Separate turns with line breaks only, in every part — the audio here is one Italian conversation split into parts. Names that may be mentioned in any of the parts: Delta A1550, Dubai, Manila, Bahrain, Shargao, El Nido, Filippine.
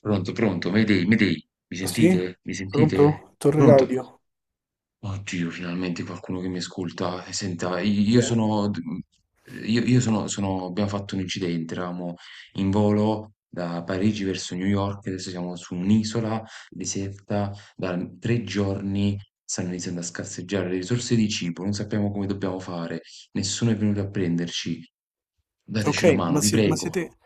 Pronto, pronto, Mayday, Mayday, mi
Sì?
sentite? Mi sentite?
Pronto? Torre
Pronto?
radio.
Oddio, finalmente qualcuno che mi ascolta. Senta,
Chi
io
è?
sono... Io sono, sono... Abbiamo fatto un incidente, eravamo in volo da Parigi verso New York, adesso siamo su un'isola deserta, da 3 giorni stanno iniziando a scarseggiare le risorse di cibo, non sappiamo come dobbiamo fare, nessuno è venuto a prenderci. Dateci una
Ok,
mano,
ma,
vi prego.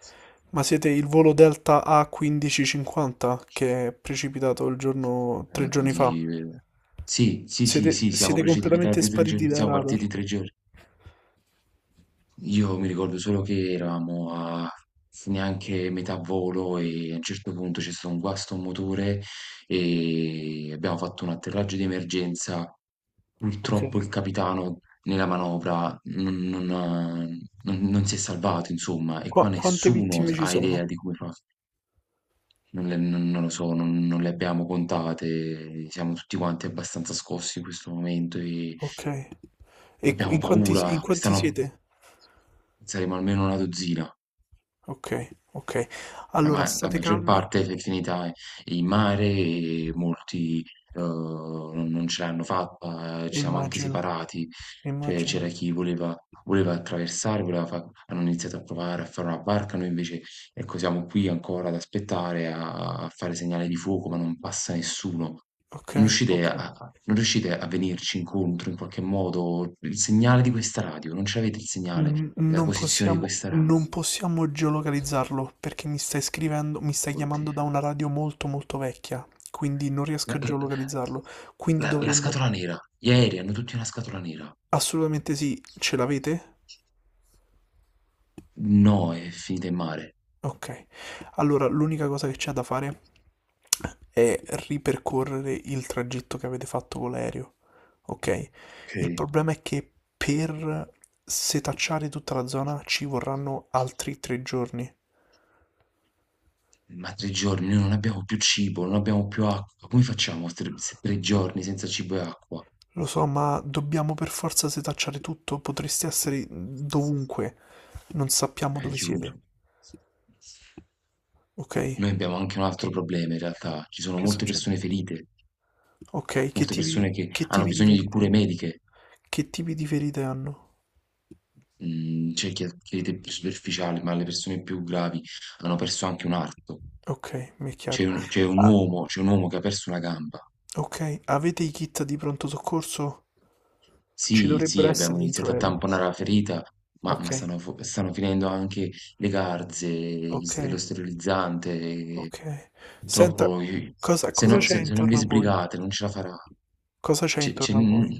ma siete il volo Delta A1550 che è precipitato il giorno, tre giorni fa?
Di sì, sì, sì,
Siete,
sì, siamo
siete completamente
precipitati 3
spariti
giorni,
dai
siamo partiti
radar.
3 giorni. Io mi ricordo solo che eravamo a neanche metà volo e a un certo punto c'è stato un guasto a un motore e abbiamo fatto un atterraggio di emergenza.
Ok.
Purtroppo il capitano nella manovra non ha- non si è salvato, insomma, e qua
Quante
nessuno
vittime
s
ci
ha idea
sono?
di come fa non, non lo so, non le abbiamo contate, siamo tutti quanti abbastanza scossi in questo momento e
Ok. E
abbiamo
in
paura,
quanti
stanno,
siete?
saremo almeno una dozzina.
Ok, ok.
La
Allora
ma la
state
maggior
calmi.
parte si è finita in mare e molti, non ce l'hanno fatta, ci siamo anche
Immagino,
separati. Cioè, c'era
immagino.
chi voleva attraversare, voleva fa, hanno iniziato a provare a fare una barca, noi invece, ecco, siamo qui ancora ad aspettare, a fare segnale di fuoco, ma non passa nessuno.
Ok,
Non riuscite
ok.
a non riuscite a venirci incontro in qualche modo? Il segnale di questa radio, non ce l'avete il segnale, la
Non
posizione di
possiamo,
questa radio?
non possiamo geolocalizzarlo perché mi stai scrivendo, mi stai chiamando da
Oddio.
una radio molto molto vecchia, quindi non riesco
La
a
la
geolocalizzarlo. Quindi
la
dovremmo...
scatola nera. Gli aerei hanno tutti una scatola nera.
Assolutamente sì, ce l'avete?
No, è finita in mare.
Ok. Allora, l'unica cosa che c'è da fare è ripercorrere il tragitto che avete fatto con l'aereo. Ok?
Ok.
Il problema è che per setacciare tutta la zona ci vorranno altri tre giorni.
Ma tre giorni, noi non abbiamo più cibo, non abbiamo più acqua. Come facciamo a tre, se 3 giorni senza cibo e acqua?
Lo so, ma dobbiamo per forza setacciare tutto. Potreste essere dovunque. Non sappiamo dove
Aiuto.
siete. Ok?
Noi abbiamo anche un altro problema in realtà. Ci sono
Che
molte
succede?
persone ferite,
Ok,
molte persone che
che
hanno
tipi di
bisogno di
ferite?
cure mediche.
Che tipi di ferite hanno?
Mhmm, C'è chi ha crede più superficiali, ma le persone più gravi hanno perso anche un arto.
Ok, mi è chiaro. Ah,
C'è un uomo che ha perso una gamba.
ok, avete i kit di pronto soccorso? Ci
Sì, sì,
dovrebbero essere
abbiamo
dentro
iniziato a
l'aereo.
tamponare la ferita, ma
Ok,
stanno finendo anche le garze, gli
ok,
s lo sterilizzante,
ok. Senta,
purtroppo i,
cosa,
se
cosa
no
c'è
se non vi
intorno a voi?
sbrigate non ce la farà.
Cosa c'è
C'è c'è
intorno a
n
voi?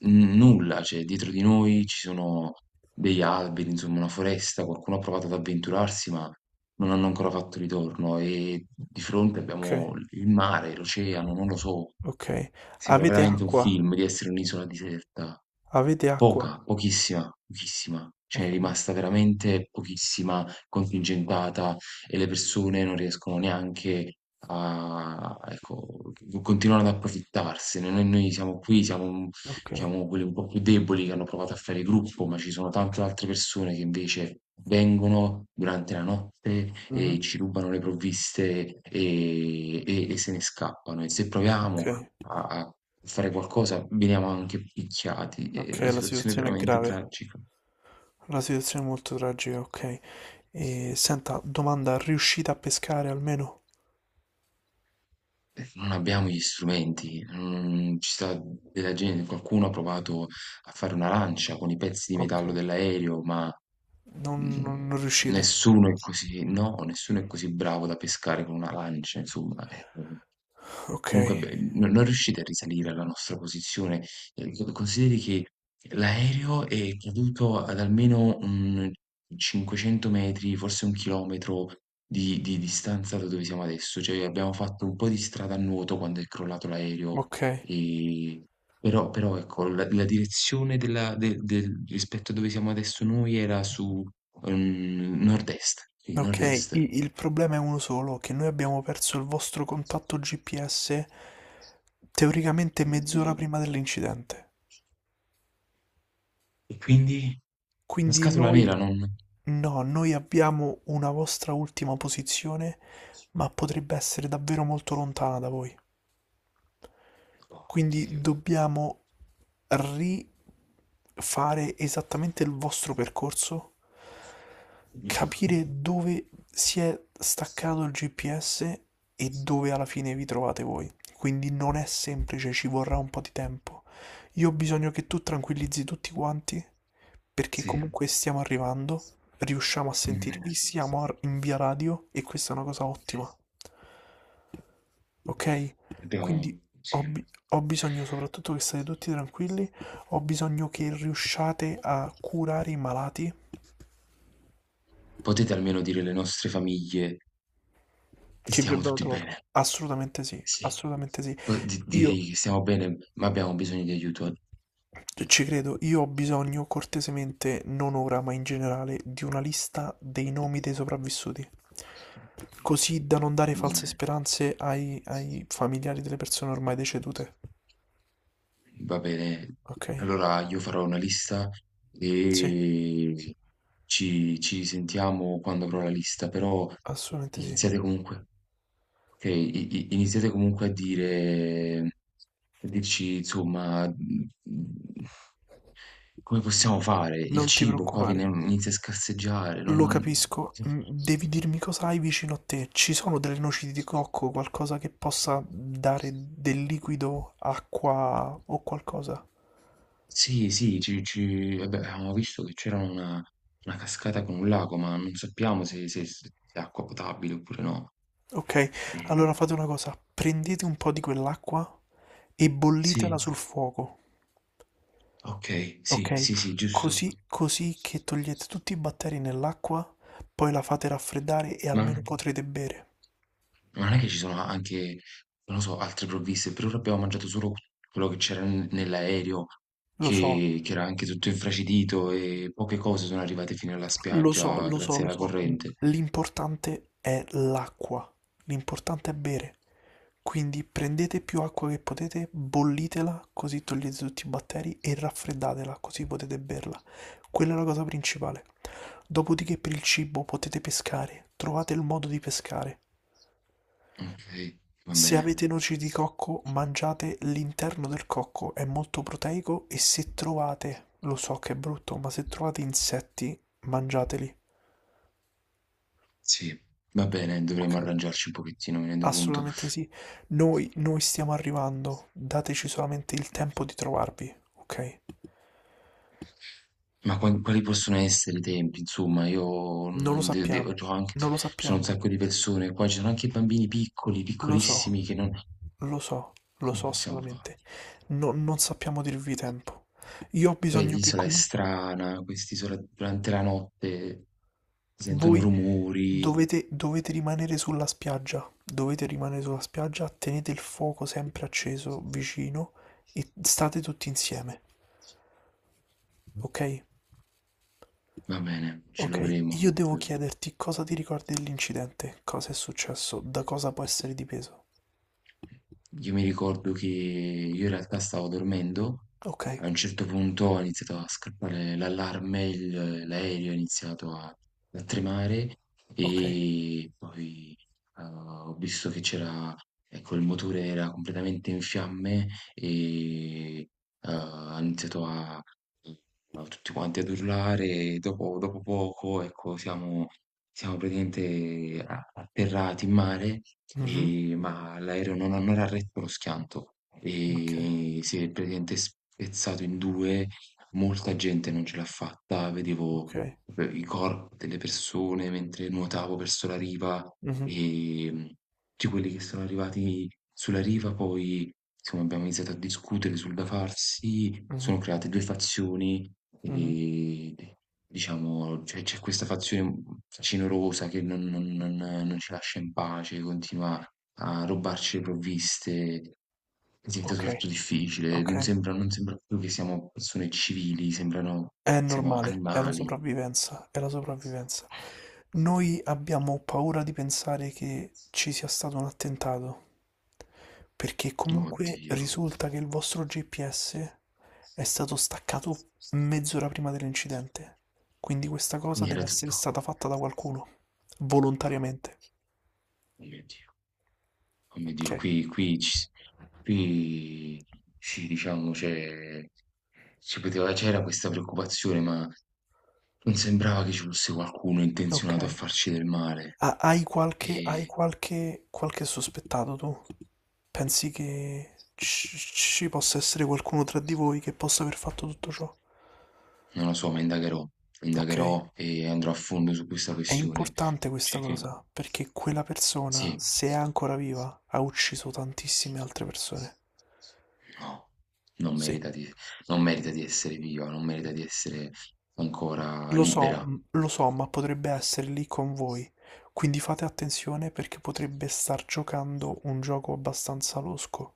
n Nulla, cioè dietro di noi ci sono degli alberi, insomma una foresta, qualcuno ha provato ad avventurarsi, ma non hanno ancora fatto ritorno e di fronte
Ok,
abbiamo il mare, l'oceano, non lo so.
ok.
Sembra
Avete
veramente un
acqua?
film di essere un'isola deserta.
Avete acqua?
Poca, pochissima, pochissima. Ce n'è
Okay,
rimasta veramente pochissima, contingentata, e le persone non riescono neanche a, ecco, co continuano ad approfittarsene. Noi siamo qui, siamo,
okay.
diciamo quelli un po' più deboli che hanno provato a fare gruppo, ma ci sono tante altre persone che invece vengono durante la notte
Mh-mh.
e ci rubano le provviste, e se ne scappano. E se proviamo
Okay,
a fare qualcosa veniamo anche picchiati. È una
okay, la
situazione
situazione è
veramente
grave.
tragica.
La situazione è molto tragica, okay. E senta, domanda, riuscite a pescare almeno?
Perché non abbiamo gli strumenti, non ci sta della gente, qualcuno ha provato a fare una lancia con i pezzi di metallo
Okay.
dell'aereo, ma
Non
mm,
non non riuscite.
nessuno è così, no, nessuno è così bravo da pescare con una lancia, insomma. Comunque,
Okay,
beh, non riuscite a risalire alla nostra posizione? Co Consideri che l'aereo è caduto ad almeno, 500 metri, forse 1 chilometro di distanza da dove siamo adesso, cioè abbiamo fatto un po' di strada a nuoto quando è crollato l'aereo,
okay,
ehm, però ecco la direzione del rispetto a dove siamo adesso noi era su, nord-est, sì,
okay.
nord-est.
I Il problema è uno solo, che noi abbiamo perso il vostro contatto GPS teoricamente mezz'ora
Oddio.
prima dell'incidente.
E quindi? La
Quindi
scatola
noi
nera non...
no, noi abbiamo una vostra ultima posizione, ma potrebbe essere davvero molto lontana da voi. Quindi
Oddio.
dobbiamo rifare esattamente il vostro percorso, capire dove si è staccato il GPS e dove alla fine vi trovate voi. Quindi non è semplice, ci vorrà un po' di tempo. Io ho bisogno che tu tranquillizzi tutti quanti, perché
Sì,
comunque stiamo arrivando, riusciamo a sentirvi,
mh.
siamo in via radio e questa è una cosa ottima, ok?
Abbiamo
Quindi
sì.
ho bisogno soprattutto che state tutti tranquilli, ho bisogno che riusciate a curare i malati
Potete almeno dire alle nostre famiglie che
che vi
stiamo
abbiamo
tutti
trovato.
bene.
Assolutamente sì,
Sì.
assolutamente sì.
Direi
Io
che stiamo bene, ma abbiamo bisogno di aiuto.
ci credo, io ho bisogno cortesemente, non ora, ma in generale, di una lista dei nomi dei sopravvissuti. Così da non dare false
Mm.
speranze ai, ai familiari delle persone ormai decedute.
Va bene,
Ok?
allora io farò una lista
Sì,
e ci, ci sentiamo quando avrò la lista, però
assolutamente sì.
iniziate comunque, ok, iniziate comunque a dire, a dirci insomma, come possiamo fare, il
Non ti
cibo qua viene,
preoccupare.
inizia a scarseggiare,
Lo
non...
capisco, mm, devi dirmi cosa hai vicino a te. Ci sono delle noci di cocco, qualcosa che possa dare del liquido, acqua o qualcosa?
Sì, sì, ci, ci- vabbè, avevamo visto che c'era una cascata con un lago, ma non sappiamo se, se è acqua potabile oppure no.
Ok,
E-
allora fate una cosa, prendete un po' di quell'acqua e bollitela
sì,
sul fuoco,
ok, sì,
ok?
sì, sì, giusto.
Così, così che togliete tutti i batteri nell'acqua, poi la fate raffreddare e almeno
Ma
potrete bere.
non è che ci sono anche, non lo so, altre provviste, per ora abbiamo mangiato solo quello che c'era nell'aereo,
Lo so,
che era anche tutto infracidito e poche cose sono arrivate fino alla
lo so,
spiaggia
lo so,
grazie
lo
alla
so. Mm,
corrente.
l'importante è l'acqua, l'importante è bere. Quindi prendete più acqua che potete, bollitela così togliete tutti i batteri e raffreddatela così potete berla. Quella è la cosa principale. Dopodiché per il cibo potete pescare, trovate il modo di pescare.
Okay, va
Se
bene.
avete noci di cocco, mangiate l'interno del cocco, è molto proteico e se trovate, lo so che è brutto, ma se trovate insetti, mangiateli.
Sì, va bene,
Ok?
dovremmo arrangiarci un pochettino, mi rendo conto.
Assolutamente sì. Noi stiamo arrivando, dateci solamente il tempo di trovarvi, ok?
Ma quan quali possono essere i tempi? Insomma, io
Non lo
non de devo,
sappiamo,
c'ho anche,
non lo
ci sono un
sappiamo,
sacco di persone qua, ci sono anche bambini piccoli,
lo so,
piccolissimi, che non
lo so, lo
come
so
possiamo fa,
assolutamente. Non sappiamo dirvi tempo. Io ho
poi
bisogno che
l'isola è
comunque
strana, quest'isola durante la notte si sentono
voi
rumori.
dovete, dovete rimanere sulla spiaggia, dovete rimanere sulla spiaggia, tenete il fuoco sempre acceso vicino e state tutti insieme, ok?
Va bene, ci
Ok,
proveremo.
io devo
Mh.
chiederti cosa ti ricordi dell'incidente, cosa è successo, da cosa può essere dipeso.
Io mi ricordo che io in realtà stavo dormendo,
Ok,
a un certo punto è iniziato a scattare l'allarme, l'aereo è iniziato a, a tremare
ok.
e poi ho visto che c'era, ecco, il motore era completamente in fiamme e ha iniziato a, a tutti quanti ad urlare e dopo, dopo poco, ecco, siamo, siamo praticamente atterrati in mare
Mhm,
ma l'aereo non, non era retto lo schianto
ok,
e si è praticamente spezzato in due, molta gente non ce l'ha fatta,
ok.
vedevo proprio i corpi delle persone mentre nuotavo verso la riva
Mhm,
e tutti quelli che sono arrivati sulla riva poi insomma, abbiamo iniziato a discutere sul da farsi,
mhm.
sono create due fazioni
Mh-mh.
e diciamo, c'è questa fazione cinorosa che non ci lascia in pace, continua a rubarci le provviste, diventa
Okay,
tutto difficile, non
okay.
sembra, non sembra più che siamo persone civili, sembrano
È
siamo
normale, è la
animali.
sopravvivenza, è la sopravvivenza. Noi abbiamo paura di pensare che ci sia stato un attentato, perché comunque
Oddio.
risulta che il vostro GPS è stato staccato mezz'ora prima dell'incidente. Quindi questa cosa
Quindi era
deve essere
tutto
stata fatta da qualcuno, volontariamente.
oh mio Dio. Oh mio Dio,
Okay,
qui qui ci s qui sì, diciamo, cioè, ci poteva c'era questa preoccupazione, ma non sembrava che ci fosse qualcuno intenzionato a
okay.
farci del male.
Ha Hai qualche hai
E
qualche qualche sospettato tu? Pensi che ci possa essere qualcuno tra di voi che possa aver fatto tutto ciò?
non lo so, ma indagherò,
Ok.
indagherò e andrò a fondo su questa
È
questione.
importante questa
Cerche
cosa, perché quella persona,
sì.
se è ancora viva, ha ucciso tantissime altre persone.
No, non
Sì.
merita di, non merita di essere viva, non merita di essere ancora
Lo so,
libera.
lo so, ma potrebbe essere lì con voi. Quindi fate attenzione perché potrebbe star giocando un gioco abbastanza losco.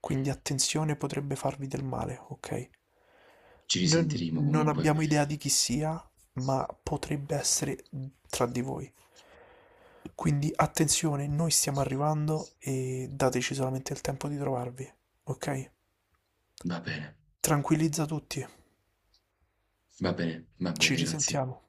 Quindi attenzione, potrebbe farvi del male, ok?
Ci
Non,
risentiremo
non
comunque.
abbiamo idea di chi sia, ma potrebbe essere tra di voi. Quindi attenzione, noi stiamo arrivando e dateci solamente il tempo di trovarvi, ok?
Va bene,
Tranquillizza tutti,
va bene, va
ci
bene, grazie.
risentiamo.